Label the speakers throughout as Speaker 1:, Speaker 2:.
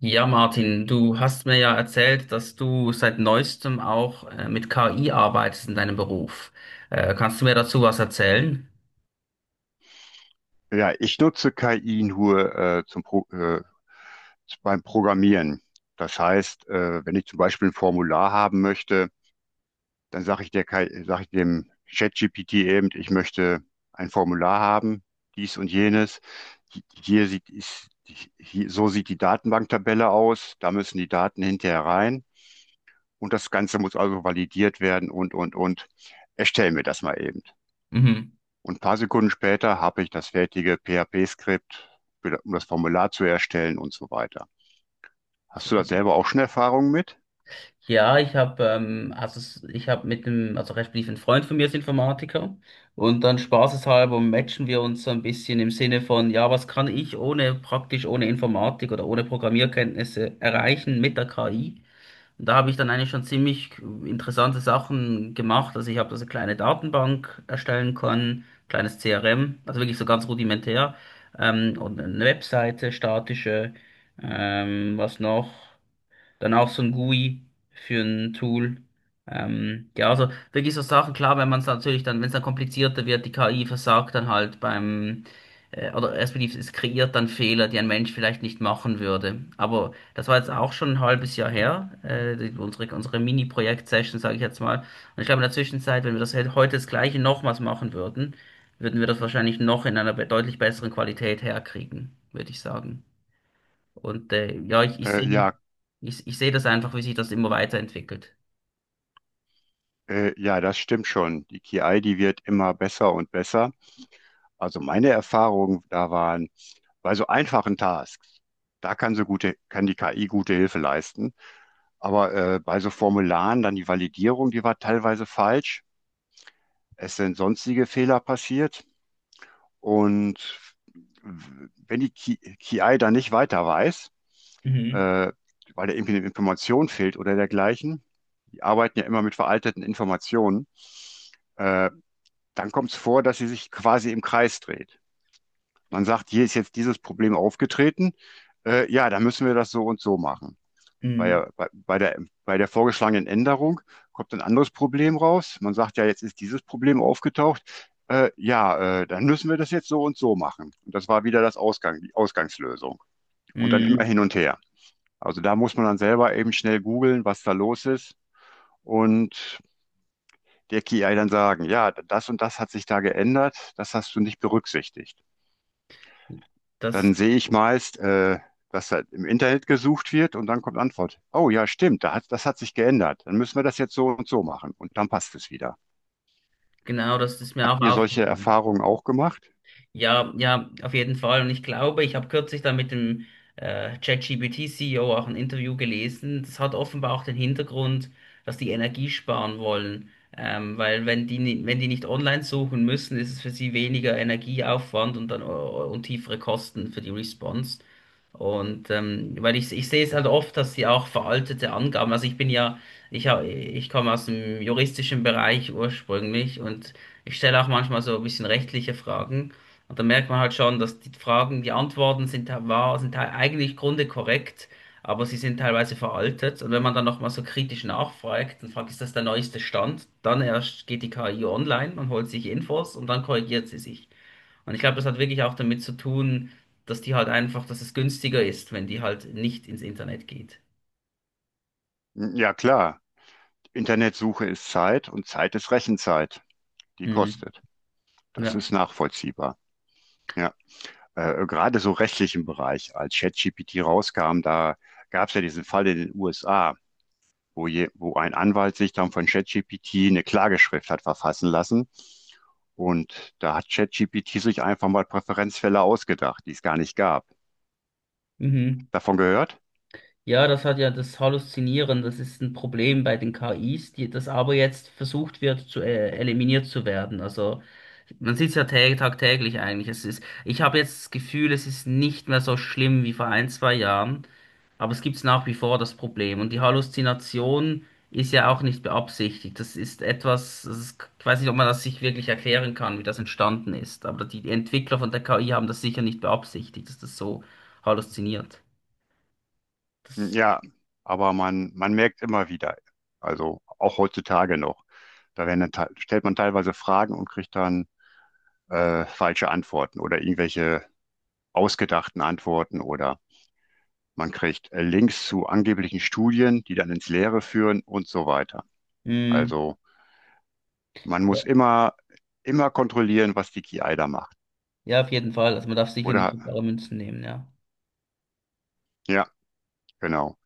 Speaker 1: Ja, Martin, du hast mir ja erzählt, dass du seit neuestem auch mit KI arbeitest in deinem Beruf. Kannst du mir dazu was erzählen?
Speaker 2: Ja, ich nutze KI nur zum Pro beim Programmieren. Das heißt, wenn ich zum Beispiel ein Formular haben möchte, dann sage ich der KI, sage ich dem ChatGPT eben, ich möchte ein Formular haben, dies und jenes. Hier so sieht die Datenbanktabelle aus, da müssen die Daten hinterher rein und das Ganze muss also validiert werden und, und. Erstell mir das mal eben.
Speaker 1: Mhm.
Speaker 2: Und ein paar Sekunden später habe ich das fertige PHP-Skript, um das Formular zu erstellen und so weiter. Hast du da selber auch schon Erfahrungen mit?
Speaker 1: Ja, ich habe mit dem, also respektive, ein Freund von mir ist Informatiker, und dann spaßeshalber matchen wir uns so ein bisschen im Sinne von, ja, was kann ich ohne, praktisch ohne Informatik oder ohne Programmierkenntnisse, erreichen mit der KI? Und da habe ich dann eigentlich schon ziemlich interessante Sachen gemacht. Also ich habe da so eine kleine Datenbank erstellen können, kleines CRM, also wirklich so ganz rudimentär. Und eine Webseite, statische, was noch? Dann auch so ein GUI für ein Tool. Ja, also wirklich so Sachen. Klar, wenn man es natürlich dann, wenn es dann komplizierter wird, die KI versagt dann halt beim, oder respektive, es kreiert dann Fehler, die ein Mensch vielleicht nicht machen würde. Aber das war jetzt auch schon ein halbes Jahr her, unsere, Mini-Projekt-Session, sage ich jetzt mal. Und ich glaube, in der Zwischenzeit, wenn wir das heute das Gleiche nochmals machen würden, würden wir das wahrscheinlich noch in einer deutlich besseren Qualität herkriegen, würde ich sagen. Und ja, ich, ich
Speaker 2: Äh,
Speaker 1: sehe
Speaker 2: ja,
Speaker 1: ich, ich sehe das einfach, wie sich das immer weiterentwickelt.
Speaker 2: ja, das stimmt schon. Die KI, die wird immer besser und besser. Also meine Erfahrungen da waren, bei so einfachen Tasks, da kann die KI gute Hilfe leisten. Aber bei so Formularen dann die Validierung, die war teilweise falsch. Es sind sonstige Fehler passiert. Und wenn die KI da nicht weiter weiß,
Speaker 1: Mhm.
Speaker 2: äh, weil da irgendwie eine Information fehlt oder dergleichen, die arbeiten ja immer mit veralteten Informationen, äh, dann kommt es vor, dass sie sich quasi im Kreis dreht. Man sagt, hier ist jetzt dieses Problem aufgetreten, ja, dann müssen wir das so und so machen. Bei
Speaker 1: Mhm.
Speaker 2: der, bei, bei der, bei der vorgeschlagenen Änderung kommt ein anderes Problem raus. Man sagt ja, jetzt ist dieses Problem aufgetaucht. Ja, dann müssen wir das jetzt so und so machen. Und das war wieder die Ausgangslösung. Und dann immer
Speaker 1: Mhm.
Speaker 2: hin und her. Also da muss man dann selber eben schnell googeln, was da los ist und der KI dann sagen, ja, das und das hat sich da geändert, das hast du nicht berücksichtigt.
Speaker 1: Das,
Speaker 2: Dann sehe ich meist, was halt im Internet gesucht wird und dann kommt Antwort. Oh ja, stimmt, das hat sich geändert. Dann müssen wir das jetzt so und so machen und dann passt es wieder.
Speaker 1: genau, das ist mir auch
Speaker 2: Habt ihr solche
Speaker 1: aufgefallen.
Speaker 2: Erfahrungen auch gemacht?
Speaker 1: Ja, ja, auf jeden Fall. Und ich glaube, ich habe kürzlich da mit dem ChatGPT-CEO auch ein Interview gelesen. Das hat offenbar auch den Hintergrund, dass die Energie sparen wollen. Weil wenn die, wenn die nicht online suchen müssen, ist es für sie weniger Energieaufwand und tiefere Kosten für die Response. Und weil ich sehe es halt oft, dass sie auch veraltete Angaben, also ich bin ja, ich komme aus dem juristischen Bereich ursprünglich, und ich stelle auch manchmal so ein bisschen rechtliche Fragen. Und da merkt man halt schon, dass die Fragen, die Antworten sind eigentlich grunde korrekt, aber sie sind teilweise veraltet. Und wenn man dann nochmal so kritisch nachfragt und fragt, ist das der neueste Stand, dann erst geht die KI online und holt sich Infos, und dann korrigiert sie sich. Und ich glaube, das hat wirklich auch damit zu tun, dass die halt einfach, dass es günstiger ist, wenn die halt nicht ins Internet geht.
Speaker 2: Ja, klar. Internetsuche ist Zeit und Zeit ist Rechenzeit. Die
Speaker 1: Mhm.
Speaker 2: kostet. Das
Speaker 1: Ja.
Speaker 2: ist nachvollziehbar. Ja, gerade so rechtlichen Bereich, als ChatGPT rauskam, da gab es ja diesen Fall in den USA. Wo wo ein Anwalt sich dann von ChatGPT eine Klageschrift hat verfassen lassen. Und da hat ChatGPT sich einfach mal Präferenzfälle ausgedacht, die es gar nicht gab.
Speaker 1: Mhm.
Speaker 2: Davon gehört?
Speaker 1: Ja, das hat ja das Halluzinieren, das ist ein Problem bei den KIs, die, das aber jetzt versucht wird zu, eliminiert zu werden. Also man sieht es ja tagtäglich eigentlich. Es ist, ich habe jetzt das Gefühl, es ist nicht mehr so schlimm wie vor ein, zwei Jahren, aber es gibt nach wie vor das Problem. Und die Halluzination ist ja auch nicht beabsichtigt. Das ist etwas, das ist, ich weiß nicht, ob man das sich wirklich erklären kann, wie das entstanden ist. Aber die Entwickler von der KI haben das sicher nicht beabsichtigt, dass das so halluziniert.
Speaker 2: Ja, aber man merkt immer wieder, also auch heutzutage noch, da werden dann, stellt man teilweise Fragen und kriegt dann falsche Antworten oder irgendwelche ausgedachten Antworten oder man kriegt Links zu angeblichen Studien, die dann ins Leere führen und so weiter.
Speaker 1: Das,
Speaker 2: Also man
Speaker 1: Ja,
Speaker 2: muss immer kontrollieren, was die KI da macht.
Speaker 1: ja, auf jeden Fall. Also man darf sicher nicht
Speaker 2: Oder?
Speaker 1: für bare Münzen nehmen, ja.
Speaker 2: Ja, genau.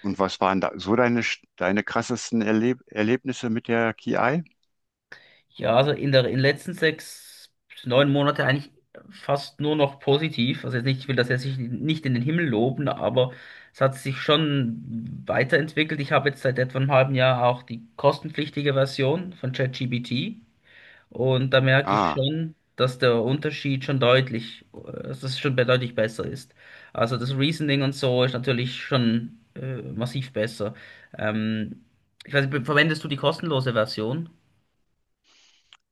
Speaker 2: Und was waren da so deine krassesten Erlebnisse mit der KI?
Speaker 1: Ja, also in der, in den letzten sechs bis neun Monate, eigentlich fast nur noch positiv. Also jetzt nicht, ich will das jetzt nicht nicht in den Himmel loben, aber es hat sich schon weiterentwickelt. Ich habe jetzt seit etwa einem halben Jahr auch die kostenpflichtige Version von ChatGPT. Und da merke ich
Speaker 2: Ah,
Speaker 1: schon, dass der Unterschied schon deutlich, dass es schon deutlich besser ist. Also das Reasoning und so ist natürlich schon massiv besser. Ähm, ich weiß nicht, verwendest du die kostenlose Version?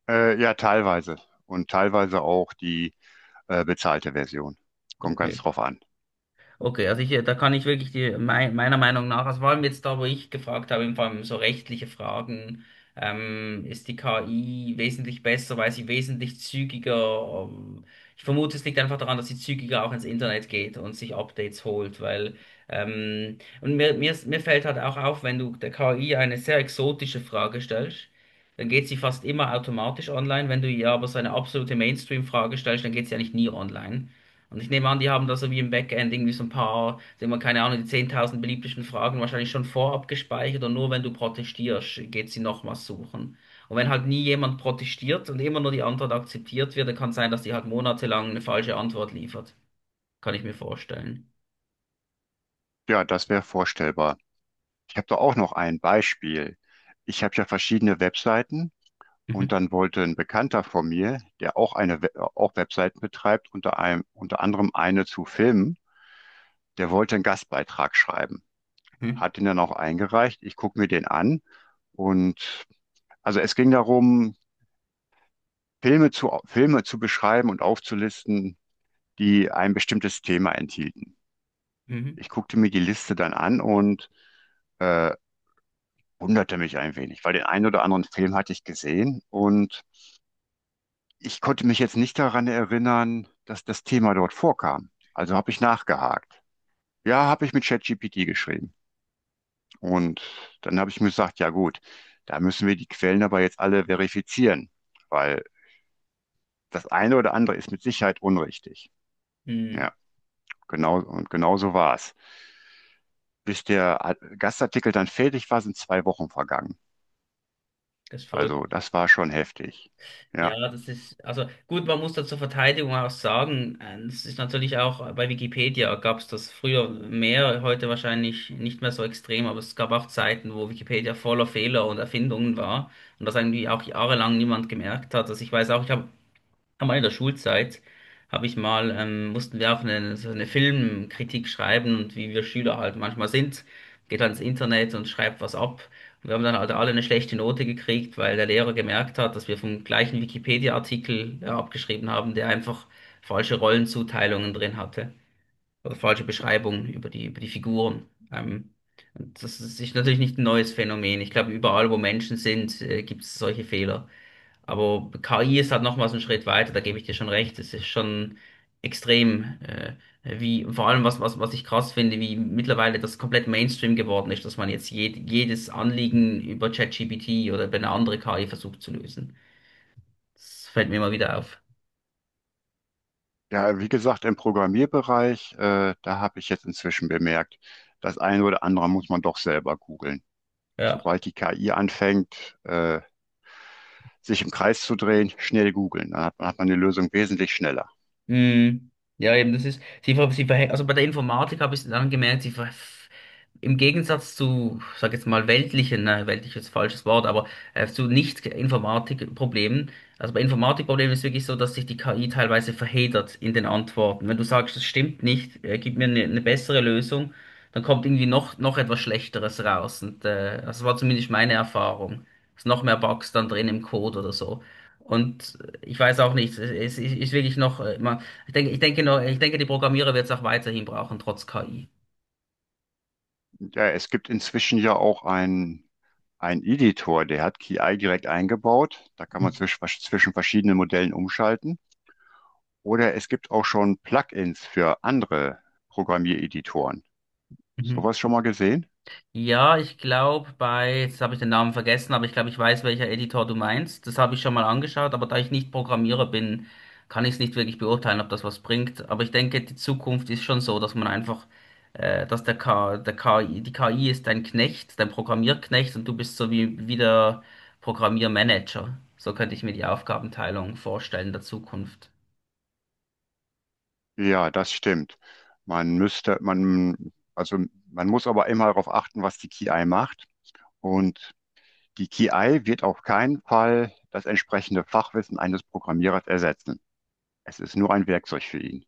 Speaker 2: ja, teilweise. Und teilweise auch die bezahlte Version. Kommt ganz
Speaker 1: Okay.
Speaker 2: drauf an.
Speaker 1: Okay, also ich, da kann ich wirklich die, meiner Meinung nach, also vor allem jetzt da, wo ich gefragt habe, vor allem so rechtliche Fragen, ist die KI wesentlich besser, weil sie wesentlich zügiger, ich vermute, es liegt einfach daran, dass sie zügiger auch ins Internet geht und sich Updates holt, weil, und mir fällt halt auch auf, wenn du der KI eine sehr exotische Frage stellst, dann geht sie fast immer automatisch online. Wenn du ihr aber so eine absolute Mainstream-Frage stellst, dann geht sie eigentlich nie online. Und ich nehme an, die haben da so wie im Backend irgendwie so ein paar, sagen wir, keine Ahnung, die 10.000 beliebtesten Fragen wahrscheinlich schon vorab gespeichert, und nur wenn du protestierst, geht sie nochmals suchen. Und wenn halt nie jemand protestiert und immer nur die Antwort akzeptiert wird, dann kann es sein, dass die halt monatelang eine falsche Antwort liefert. Kann ich mir vorstellen.
Speaker 2: Ja, das wäre vorstellbar. Ich habe da auch noch ein Beispiel. Ich habe ja verschiedene Webseiten
Speaker 1: Mhm.
Speaker 2: und dann wollte ein Bekannter von mir, der auch eine We auch Webseiten betreibt, unter anderem eine zu Filmen, der wollte einen Gastbeitrag schreiben,
Speaker 1: Mhm.
Speaker 2: hat den dann auch eingereicht. Ich gucke mir den an und also es ging darum, Filme zu beschreiben und aufzulisten, die ein bestimmtes Thema enthielten.
Speaker 1: Mhm.
Speaker 2: Ich guckte mir die Liste dann an und äh, wunderte mich ein wenig, weil den einen oder anderen Film hatte ich gesehen und ich konnte mich jetzt nicht daran erinnern, dass das Thema dort vorkam. Also habe ich nachgehakt. Ja, habe ich mit ChatGPT geschrieben. Und dann habe ich mir gesagt, ja gut, da müssen wir die Quellen aber jetzt alle verifizieren, weil das eine oder andere ist mit Sicherheit unrichtig.
Speaker 1: Hm,
Speaker 2: Ja, genau, und genau so war es. Bis der Gastartikel dann fertig war, sind 2 Wochen vergangen.
Speaker 1: das ist
Speaker 2: Also
Speaker 1: verrückt.
Speaker 2: das war schon heftig. Ja,
Speaker 1: Ja, das ist, also gut, man muss da zur Verteidigung auch sagen, das ist natürlich auch, bei Wikipedia gab es das früher mehr, heute wahrscheinlich nicht mehr so extrem, aber es gab auch Zeiten, wo Wikipedia voller Fehler und Erfindungen war und das eigentlich auch jahrelang niemand gemerkt hat. Also ich weiß auch, ich habe am Ende der Schulzeit, habe ich mal, mussten wir auch eine, so eine Filmkritik schreiben, und wie wir Schüler halt manchmal sind, geht halt ins Internet und schreibt was ab. Und wir haben dann halt alle eine schlechte Note gekriegt, weil der Lehrer gemerkt hat, dass wir vom gleichen Wikipedia-Artikel abgeschrieben haben, der einfach falsche Rollenzuteilungen drin hatte oder falsche Beschreibungen über die Figuren. Ähm, und das ist natürlich nicht ein neues Phänomen. Ich glaube, überall, wo Menschen sind, gibt es solche Fehler. Aber KI ist halt nochmals einen Schritt weiter, da gebe ich dir schon recht. Es ist schon extrem, wie, vor allem, was ich krass finde, wie mittlerweile das komplett Mainstream geworden ist, dass man jetzt jedes Anliegen über ChatGPT oder über eine andere KI versucht zu lösen. Das fällt mir immer wieder auf.
Speaker 2: ja, wie gesagt, im Programmierbereich, da habe ich jetzt inzwischen bemerkt, das eine oder andere muss man doch selber googeln.
Speaker 1: Ja.
Speaker 2: Sobald die KI anfängt, sich im Kreis zu drehen, schnell googeln. Hat man die Lösung wesentlich schneller.
Speaker 1: Mhm. Ja, eben, das ist, sie verhängt, also bei der Informatik habe ich dann gemerkt, im Gegensatz zu, sag jetzt mal, weltlichen, ne, weltlich ist ein falsches Wort, aber zu Nicht-Informatik-Problemen, also bei Informatikproblemen ist wirklich so, dass sich die KI teilweise verheddert in den Antworten. Wenn du sagst, das stimmt nicht, gib mir eine bessere Lösung, dann kommt irgendwie noch etwas Schlechteres raus. Und das war zumindest meine Erfahrung. Es noch mehr Bugs dann drin im Code oder so. Und ich weiß auch nicht, es ist wirklich noch, man ich denke noch, ich denke, die Programmierer wird es auch weiterhin brauchen, trotz KI.
Speaker 2: Ja, es gibt inzwischen ja auch einen Editor, der hat KI direkt eingebaut. Da kann man zwischen verschiedenen Modellen umschalten. Oder es gibt auch schon Plugins für andere Programmiereditoren.
Speaker 1: Mhm.
Speaker 2: Sowas schon mal gesehen?
Speaker 1: Ja, ich glaube bei, jetzt habe ich den Namen vergessen, aber ich glaube, ich weiß, welcher Editor du meinst. Das habe ich schon mal angeschaut, aber da ich nicht Programmierer bin, kann ich es nicht wirklich beurteilen, ob das was bringt. Aber ich denke, die Zukunft ist schon so, dass man einfach, dass der K, der KI, die KI ist dein Knecht, dein Programmierknecht, und du bist so wie der Programmiermanager. So könnte ich mir die Aufgabenteilung vorstellen der Zukunft.
Speaker 2: Ja, das stimmt. Also man muss aber immer darauf achten, was die KI macht. Und die KI wird auf keinen Fall das entsprechende Fachwissen eines Programmierers ersetzen. Es ist nur ein Werkzeug für ihn.